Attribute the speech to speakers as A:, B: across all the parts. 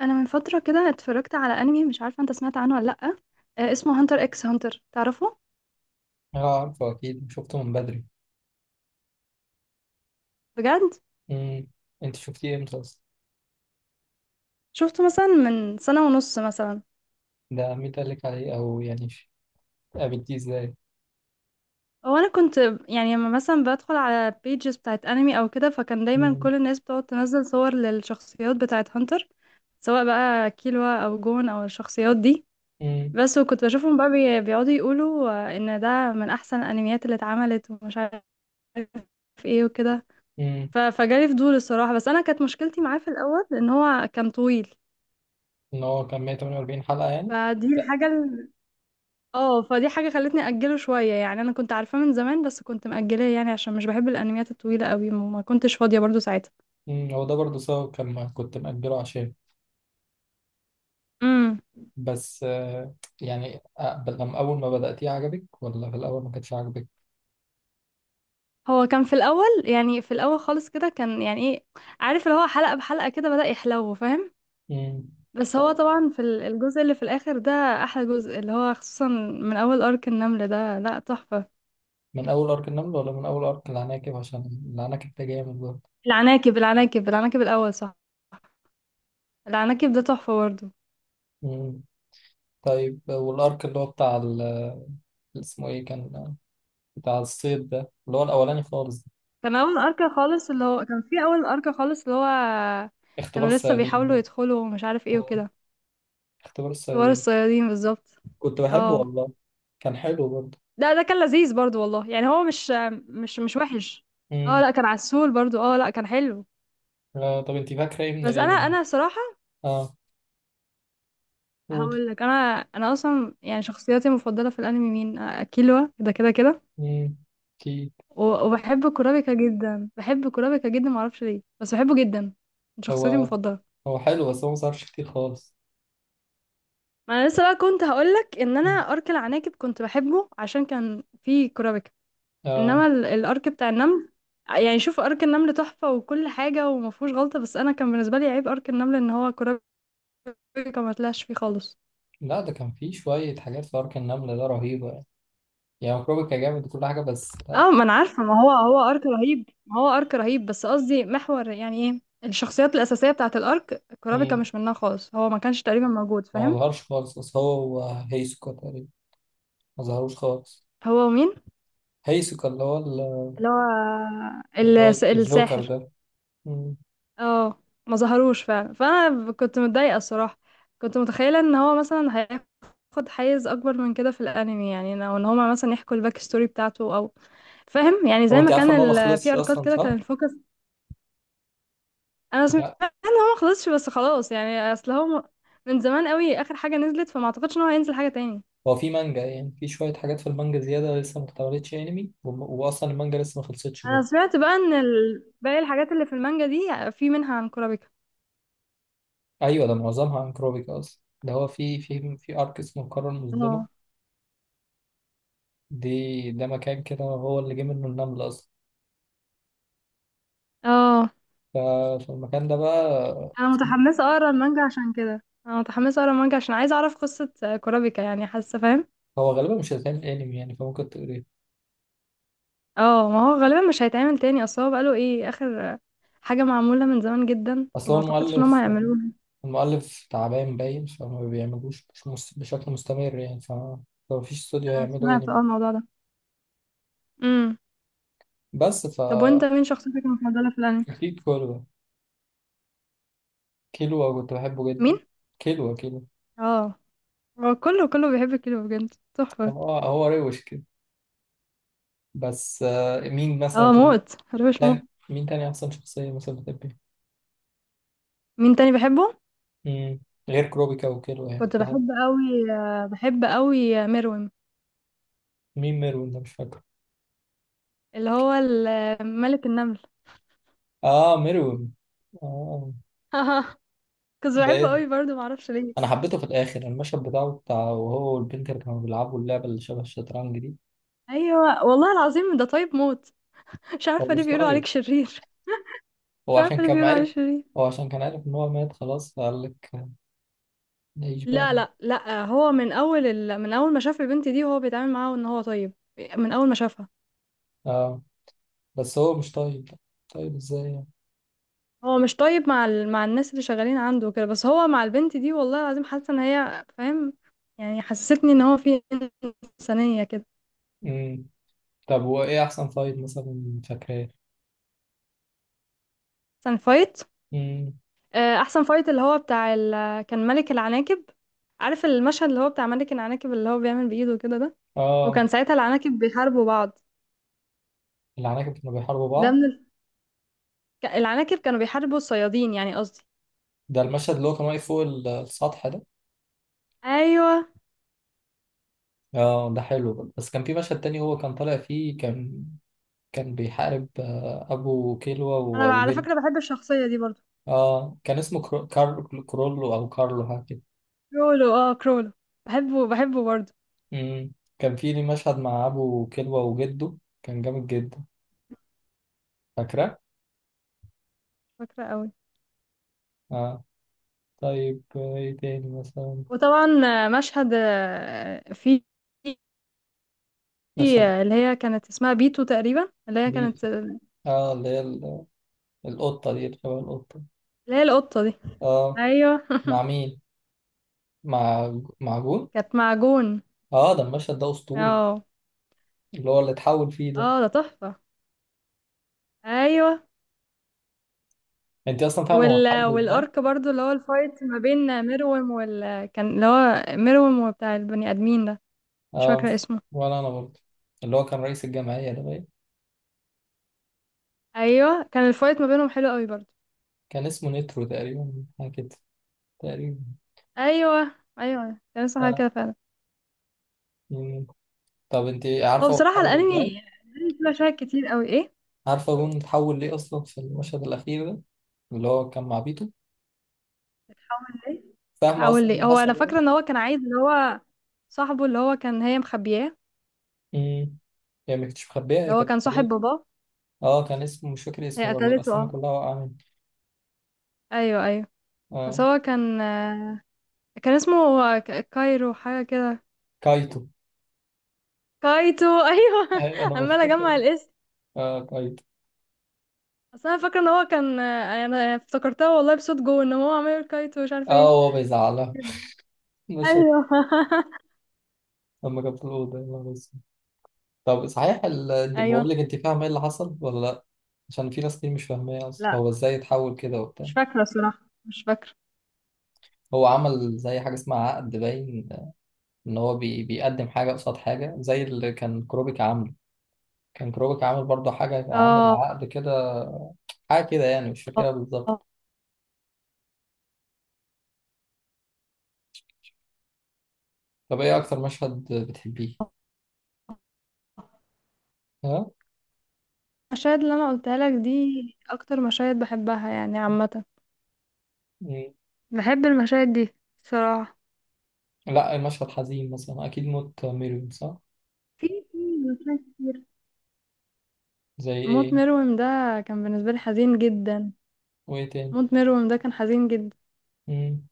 A: انا من فتره كده اتفرجت على انمي، مش عارفه انت سمعت عنه ولا لا؟ آه، اسمه هانتر اكس هانتر، تعرفه؟
B: اه عارفه اكيد شفته من بدري.
A: بجد؟
B: امم انت شفتيه امتى اصلا؟
A: شفته مثلا من سنه ونص مثلا.
B: ده مين قال لك عليه او يعني قابلتيه ازاي؟
A: هو انا كنت يعني لما مثلا بدخل على بيجز بتاعت انمي او كده، فكان دايما
B: امم
A: كل الناس بتقعد تنزل صور للشخصيات بتاعت هانتر، سواء بقى كيلوا او جون او الشخصيات دي.
B: امم
A: بس وكنت بشوفهم بقى بيقعدوا يقولوا ان ده من احسن الانميات اللي اتعملت ومش عارف ايه وكده.
B: امم
A: فجالي فضول الصراحة، بس أنا كانت مشكلتي معاه في الأول إن هو كان طويل.
B: ان هو كان 148 حلقه يعني.
A: فدي
B: لا.
A: الحاجة ال... اه فدي حاجة خلتني أجله شوية، يعني أنا كنت عارفاه من زمان بس كنت مأجلاه، يعني عشان مش بحب الأنميات الطويلة قوي وما كنتش فاضية برضو ساعتها.
B: هو ده برضه سبب كان ما كنت مأجله عشان.
A: امم
B: بس آه، يعني لما اول ما بدأتيه عجبك ولا في الاول ما كانش عجبك؟
A: هو كان في الأول، يعني في الأول خالص كده كان يعني إيه؟ عارف اللي هو حلقة بحلقة كده بدأ يحلو، فاهم؟
B: امم
A: بس هو طبعا في الجزء اللي في الآخر ده أحلى جزء، اللي هو خصوصا من أول أرك النملة، ده لأ تحفة.
B: من اول ارك النمل ولا من اول ارك العناكب؟ عشان العناكب ده جامد برضه.
A: العناكب، العناكب، العناكب الأول صح. العناكب ده تحفة برضو.
B: امم طيب والارك اللي هو اسمه ايه كان؟ بتاع الصيد ده، اللي هو الأولاني خالص ده.
A: كان في اول اركا خالص، اللي هو
B: اختبار
A: كانوا لسه
B: الصيادين
A: بيحاولوا
B: ده.
A: يدخلوا ومش عارف ايه
B: آه،
A: وكده.
B: اختبار
A: كبار
B: الصيادين.
A: الصيادين بالظبط.
B: كنت بحبه
A: اه
B: والله. كان حلو برضه.
A: لا، ده كان لذيذ برضو والله، يعني هو مش مش وحش. اه
B: امم
A: لا، كان عسول برضو. اه لا، كان حلو.
B: آه، طب انت فاكرة ايه من
A: بس انا
B: الانمي؟
A: انا صراحة
B: اه، قولي.
A: هقول لك. انا اصلا يعني شخصياتي المفضلة في الانمي مين؟ كيلوا ده كده كده.
B: امم اكيد.
A: وبحب كورابيكا جدا، بحب كورابيكا جدا، معرفش ليه بس بحبه جدا. من شخصياتي
B: هو
A: المفضلة.
B: هو حلو بس هو مصرفش كتير خالص.
A: ما انا لسه بقى كنت هقولك ان انا
B: مم.
A: ارك العناكب كنت بحبه عشان كان فيه كرابكه.
B: آه،
A: انما الارك بتاع النمل، يعني شوف ارك النمل تحفه وكل حاجه وما فيهوش غلطه، بس انا كان بالنسبه لي عيب ارك النمل ان هو كرابكه ما طلعش فيه خالص.
B: لا ده كان فيه شوية حاجات في أرك النملة ده رهيبة يعني، يعني كروبيكا جامد وكل حاجة، بس لا.
A: اه ما انا عارفه، ما هو ارك رهيب، ما هو ارك رهيب، بس قصدي محور يعني ايه الشخصيات الاساسيه بتاعه الارك، كرابكه
B: مم.
A: مش منها خالص، هو ما كانش تقريبا موجود،
B: هو ما
A: فاهم؟
B: ظهرش خالص، بس هو هيسوكا تقريبا ما ظهروش خالص.
A: هو مين؟
B: هيسوكا
A: اللي هو
B: اللي هو الجوكر
A: الساحر.
B: ده. مم.
A: اه ما ظهروش فعلا، فانا كنت متضايقه الصراحه. كنت متخيله ان هو مثلا هياخد حيز اكبر من كده في الانمي، يعني او ان هما مثلا يحكوا الباك ستوري بتاعته، او فاهم يعني؟ زي
B: هو انت
A: ما
B: عارفه
A: كان
B: ان هو ما
A: في
B: خلصش
A: اركات
B: اصلا
A: كده كان
B: صح؟
A: الفوكس. انا سمعت
B: لا،
A: ان هو ما خلصش، بس خلاص يعني، اصل هو من زمان قوي اخر حاجه نزلت، فما اعتقدش ان هو هينزل حاجه تاني.
B: هو في مانجا يعني، في شويه حاجات في المانجا زياده لسه ما اتعملتش انمي، واصلا المانجا لسه ما خلصتش
A: انا
B: برضه.
A: سمعت بقى ان باقي الحاجات اللي في المانجا دي في منها عن كورابيكا.
B: ايوه، ده معظمها عن كروبيكا اصلا، ده هو في ارك اسمه القاره المظلمه
A: اه.
B: دي. ده مكان كده هو اللي جه منه النمل اصلا.
A: اه،
B: ففي المكان ده بقى
A: انا
B: في.
A: متحمسه اقرا المانجا عشان كده، انا متحمسه اقرا المانجا عشان عايزه اعرف قصه كورابيكا، يعني حاسه، فاهم؟
B: هو غالبا مش هيتعمل انمي يعني، فممكن تقريه.
A: اه ما هو غالبا مش هيتعمل تاني، اصل هو بقاله ايه اخر حاجه معموله من زمان جدا،
B: اصل
A: فما
B: هو
A: اعتقدش ان هم
B: المؤلف،
A: هيعملوها.
B: المؤلف تعبان باين فما بيعملوش مش مس- بشكل مستمر يعني، فمفيش استوديو
A: انا
B: هيعملوا
A: سمعت
B: انمي.
A: اه الموضوع ده. امم.
B: بس ف.
A: طب وانت مين شخصيتك المفضله في الانمي؟
B: أكيد كله. كيلو كنت بحبه
A: مين؟
B: جدا. كيلو.
A: اه، هو كله كله بيحب كيلو، بجد تحفه.
B: هو هو روش كده. بس آه، مين مثلا
A: اه
B: تاني؟
A: موت، مش موت.
B: تاني- مين تاني أحسن شخصية مثلا بتحبيها؟
A: مين تاني بحبه؟
B: مم، غير كروبيكا وكيلو يعني
A: كنت
B: في حد؟
A: بحب قوي، بحب قوي مروم.
B: مين ميرون ده؟ مش فاكره.
A: اللي هو ملك النمل.
B: آه، ميرون. آه.
A: كنت
B: ده إيه
A: بحبه
B: ده؟
A: قوي برضه، معرفش ليه.
B: أنا حبيته في الآخر، المشهد بتاعه بتاع وهو والبنت اللي كانوا بيلعبوا اللعبة اللي شبه الشطرنج دي.
A: ايوه والله العظيم، ده طيب موت، مش
B: هو
A: عارفه ليه
B: مش
A: بيقولوا عليك
B: طايق.
A: شرير.
B: هو
A: مش
B: عشان
A: عارفه ليه
B: كان
A: بيقولوا عليه
B: عارف.
A: شرير.
B: هو عشان كان عارف إن هو مات خلاص فقال لك نعيش بقى.
A: لا لا لا، هو من اول من اول ما شاف البنت دي هو بيتعامل معاها ان هو طيب. من اول ما شافها.
B: آه. بس هو مش طيب. طيب إزاي
A: هو مش طيب مع مع الناس اللي شغالين عنده كده، بس هو مع البنت دي والله العظيم حاسه ان هي، فاهم يعني؟ حسستني ان هو في انسانيه كده.
B: يعني؟ طب وايه احسن فايت مثلا فاكراه؟
A: احسن فايت؟
B: امم
A: احسن فايت اللي هو بتاع كان ملك العناكب. عارف المشهد اللي هو بتاع ملك العناكب اللي هو بيعمل بايده كده ده؟ وكان
B: اه،
A: ساعتها العناكب بيحاربوا بعض.
B: العناكب كانوا بيحاربوا
A: ده
B: بعض.
A: من العناكب كانوا بيحاربوا الصيادين، يعني قصدي.
B: ده المشهد اللي هو كان واقف فوق السطح ده.
A: ايوه.
B: اه، ده حلو برضه. بس كان في مشهد تاني هو كان طالع فيه، كان كان بيحارب آه، ابو كيلوا
A: انا بقى على
B: وجده.
A: فكره بحب الشخصيه دي برضو.
B: اه، كان اسمه كرولو او كارلو حاجه كده.
A: كرولو، اه كرولو. بحبه، بحبه برضو.
B: امم كان في ليه مشهد مع ابو كيلوا وجده. كان جامد جدا، فاكره؟
A: فاكره قوي.
B: اه، طيب آه، ايه تاني مثلا؟
A: وطبعا مشهد في في،
B: مشهد
A: اللي هي كانت اسمها بيتو تقريبا، اللي هي
B: ليه.
A: كانت، اللي
B: اه، اللي القطه دي، اللي شبه القطه.
A: هي القطه دي.
B: اه.
A: ايوه.
B: مع مين؟ مع مع جون.
A: كانت معجون.
B: اه، ده المشهد ده اسطوري،
A: اه.
B: اللي هو اللي اتحول فيه ده.
A: اه ده تحفه. ايوه.
B: انت اصلا فاهمه هو اتحول ازاي؟
A: والارك برضو اللي هو الفايت ما بين ميروم كان اللي هو ميروم وبتاع البني ادمين ده. مش
B: اه،
A: فاكره
B: مش.
A: اسمه.
B: ولا انا برضه. اللي هو كان رئيس الجمعيه ده باين.
A: ايوه كان الفايت ما بينهم حلو قوي برضه.
B: كان اسمه نترو تقريبا، حاجه كده تقريبا.
A: ايوه ايوه كان لسه حاجه
B: آه.
A: كده فعلا.
B: مم. طب انت
A: هو
B: عارفه هو
A: بصراحه
B: اتحول
A: الانمي
B: ازاي؟
A: الانمي فيه مشاهد كتير قوي ايه.
B: عارفه جون اتحول ليه اصلا في المشهد الاخير ده، اللي هو كان مع بيتو؟ فاهمه اصلا
A: هقول لي.
B: اللي
A: هو انا
B: حصل يعني؟
A: فاكره ان هو كان عايز اللي هو صاحبه، اللي هو كان هي مخبياه.
B: امم هي ما كانتش مخبيه،
A: ده
B: هي
A: هو
B: كانت
A: كان صاحب
B: خليته.
A: باباه.
B: اه، كان اسمه مش فاكر
A: هي
B: اسمه برضه،
A: قتلته،
B: الاسامي
A: اه.
B: كلها واقعه مني.
A: ايوه ايوه. بس
B: اه،
A: هو كان كان اسمه كايرو، حاجه كده.
B: كايتو.
A: كايتو ايوه.
B: آه، انا
A: عماله
B: بفتكر.
A: اجمع الاسم.
B: اه، طيب.
A: اصل انا فاكره ان هو كان انا افتكرتها والله بصوت جو، ان هو عمال يقول كايتو مش عارف
B: اه،
A: ايه
B: هو بيزعلها.
A: كده.
B: مشهد
A: ايوه.
B: لما كان في الأوضة، يا نهار أسود. طب صحيح
A: ايوه.
B: بقول لك أنت فاهمة إيه اللي حصل ولا لأ؟ عشان في ناس كتير مش فاهمة إيه أصلا
A: لا
B: هو إزاي اتحول كده
A: مش
B: وبتاع.
A: فاكرة صراحة، مش فاكرة.
B: هو عمل زي حاجة اسمها عقد باين، إن هو بيقدم حاجة قصاد حاجة زي اللي كان كروبيك عامله. كان كروبيك عامل برضه حاجة، عامل
A: اه،
B: عقد كده، حاجة كده يعني، مش فاكرها بالظبط. طب إيه أكتر مشهد بتحبيه؟ ها؟
A: المشاهد اللي انا قلتها لك دي اكتر مشاهد بحبها يعني عامه.
B: مم.
A: بحب المشاهد دي صراحه.
B: لأ المشهد حزين مثلا أكيد موت ميريم صح؟
A: في في مشاهد كتير.
B: زي
A: موت
B: إيه؟
A: مروم ده كان بالنسبه لي حزين جدا.
B: وإيه تاني؟
A: موت مروم ده كان حزين جدا.
B: امم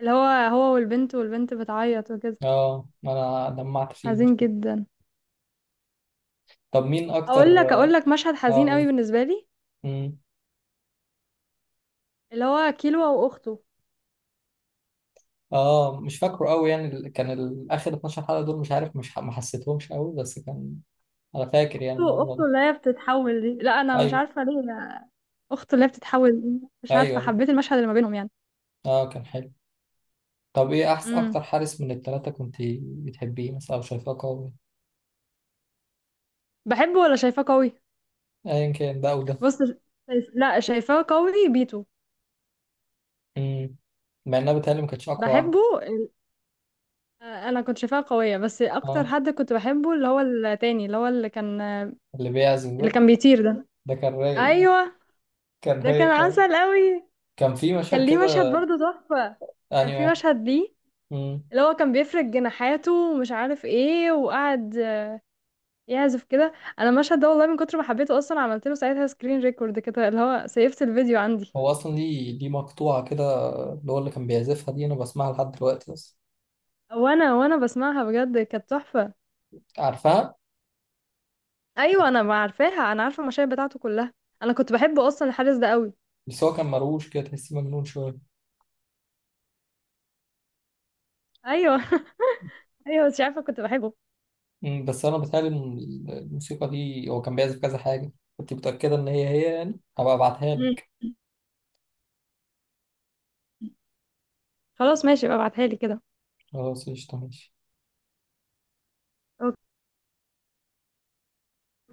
A: اللي هو هو والبنت، والبنت بتعيط وكده.
B: اه، انا دمعت فيه مش...
A: حزين جدا.
B: طب مين
A: اقول
B: اكتر؟
A: لك، اقول لك مشهد حزين قوي
B: اه.
A: بالنسبه لي.
B: امم
A: اللي هو كيلو واخته.
B: اه، مش فاكره قوي يعني، اخر 12 حلقة دول مش عارف مش ح... ما حسيتهمش قوي، بس كان. انا فاكر يعني
A: أخته،
B: الموضوع
A: أخته
B: ده.
A: اللي هي بتتحول دي، لا انا مش
B: ايوه
A: عارفه ليه لا. اخته اللي هي بتتحول دي، مش
B: ايوه
A: عارفه،
B: أيوة.
A: حبيت المشهد اللي ما بينهم يعني.
B: اه، كان حلو. طب ايه احسن
A: امم.
B: اكتر حارس من الثلاثة كنت بتحبيه مثلا او شايفاه قوي؟
A: بحبه ولا شايفاه قوي؟
B: ايا كان ده او ده.
A: بص. لا، شايفاه قوي بيتو.
B: امم مع انها بتهيألي ما كانتش اقوى واحد.
A: بحبه انا كنت شايفاه قوية، بس اكتر
B: اه،
A: حد كنت بحبه اللي هو التاني، اللي هو اللي كان
B: اللي بيعزم
A: اللي
B: ده.
A: كان بيطير ده.
B: ده كان رايق،
A: ايوه.
B: كان
A: ده كان
B: رايق قوي.
A: عسل قوي.
B: كان في مشهد
A: كان ليه مشهد
B: كده،
A: برضه تحفة. كان
B: يعني
A: في
B: واحد.
A: مشهد ليه
B: مم.
A: اللي هو كان بيفرد جناحاته ومش عارف ايه، وقعد يعزف كده. انا المشهد ده والله من كتر ما حبيته اصلا عملت له ساعتها سكرين ريكورد كده، اللي هو سيفت الفيديو عندي.
B: هو اصلا ليه مقطوعه كده اللي هو اللي كان بيعزفها دي؟ انا بسمعها لحد دلوقتي اصلا،
A: وانا بسمعها بجد كانت تحفة.
B: عارفها.
A: ايوه انا ما عارفاها، انا عارفه المشاهد بتاعته كلها. انا كنت بحبه اصلا الحارس ده قوي.
B: بس هو كان مروش كده، تحسيه مجنون شويه.
A: ايوه. ايوه مش عارفه كنت بحبه.
B: أمم، بس انا بتهيألي إن الموسيقى دي هو كان بيعزف كذا حاجه. كنت متأكدة إن هي يعني، هبقى أبعتها
A: مم.
B: لك.
A: خلاص ماشي بقى، ابعتها لي كده.
B: خلاص قشطة ماشي.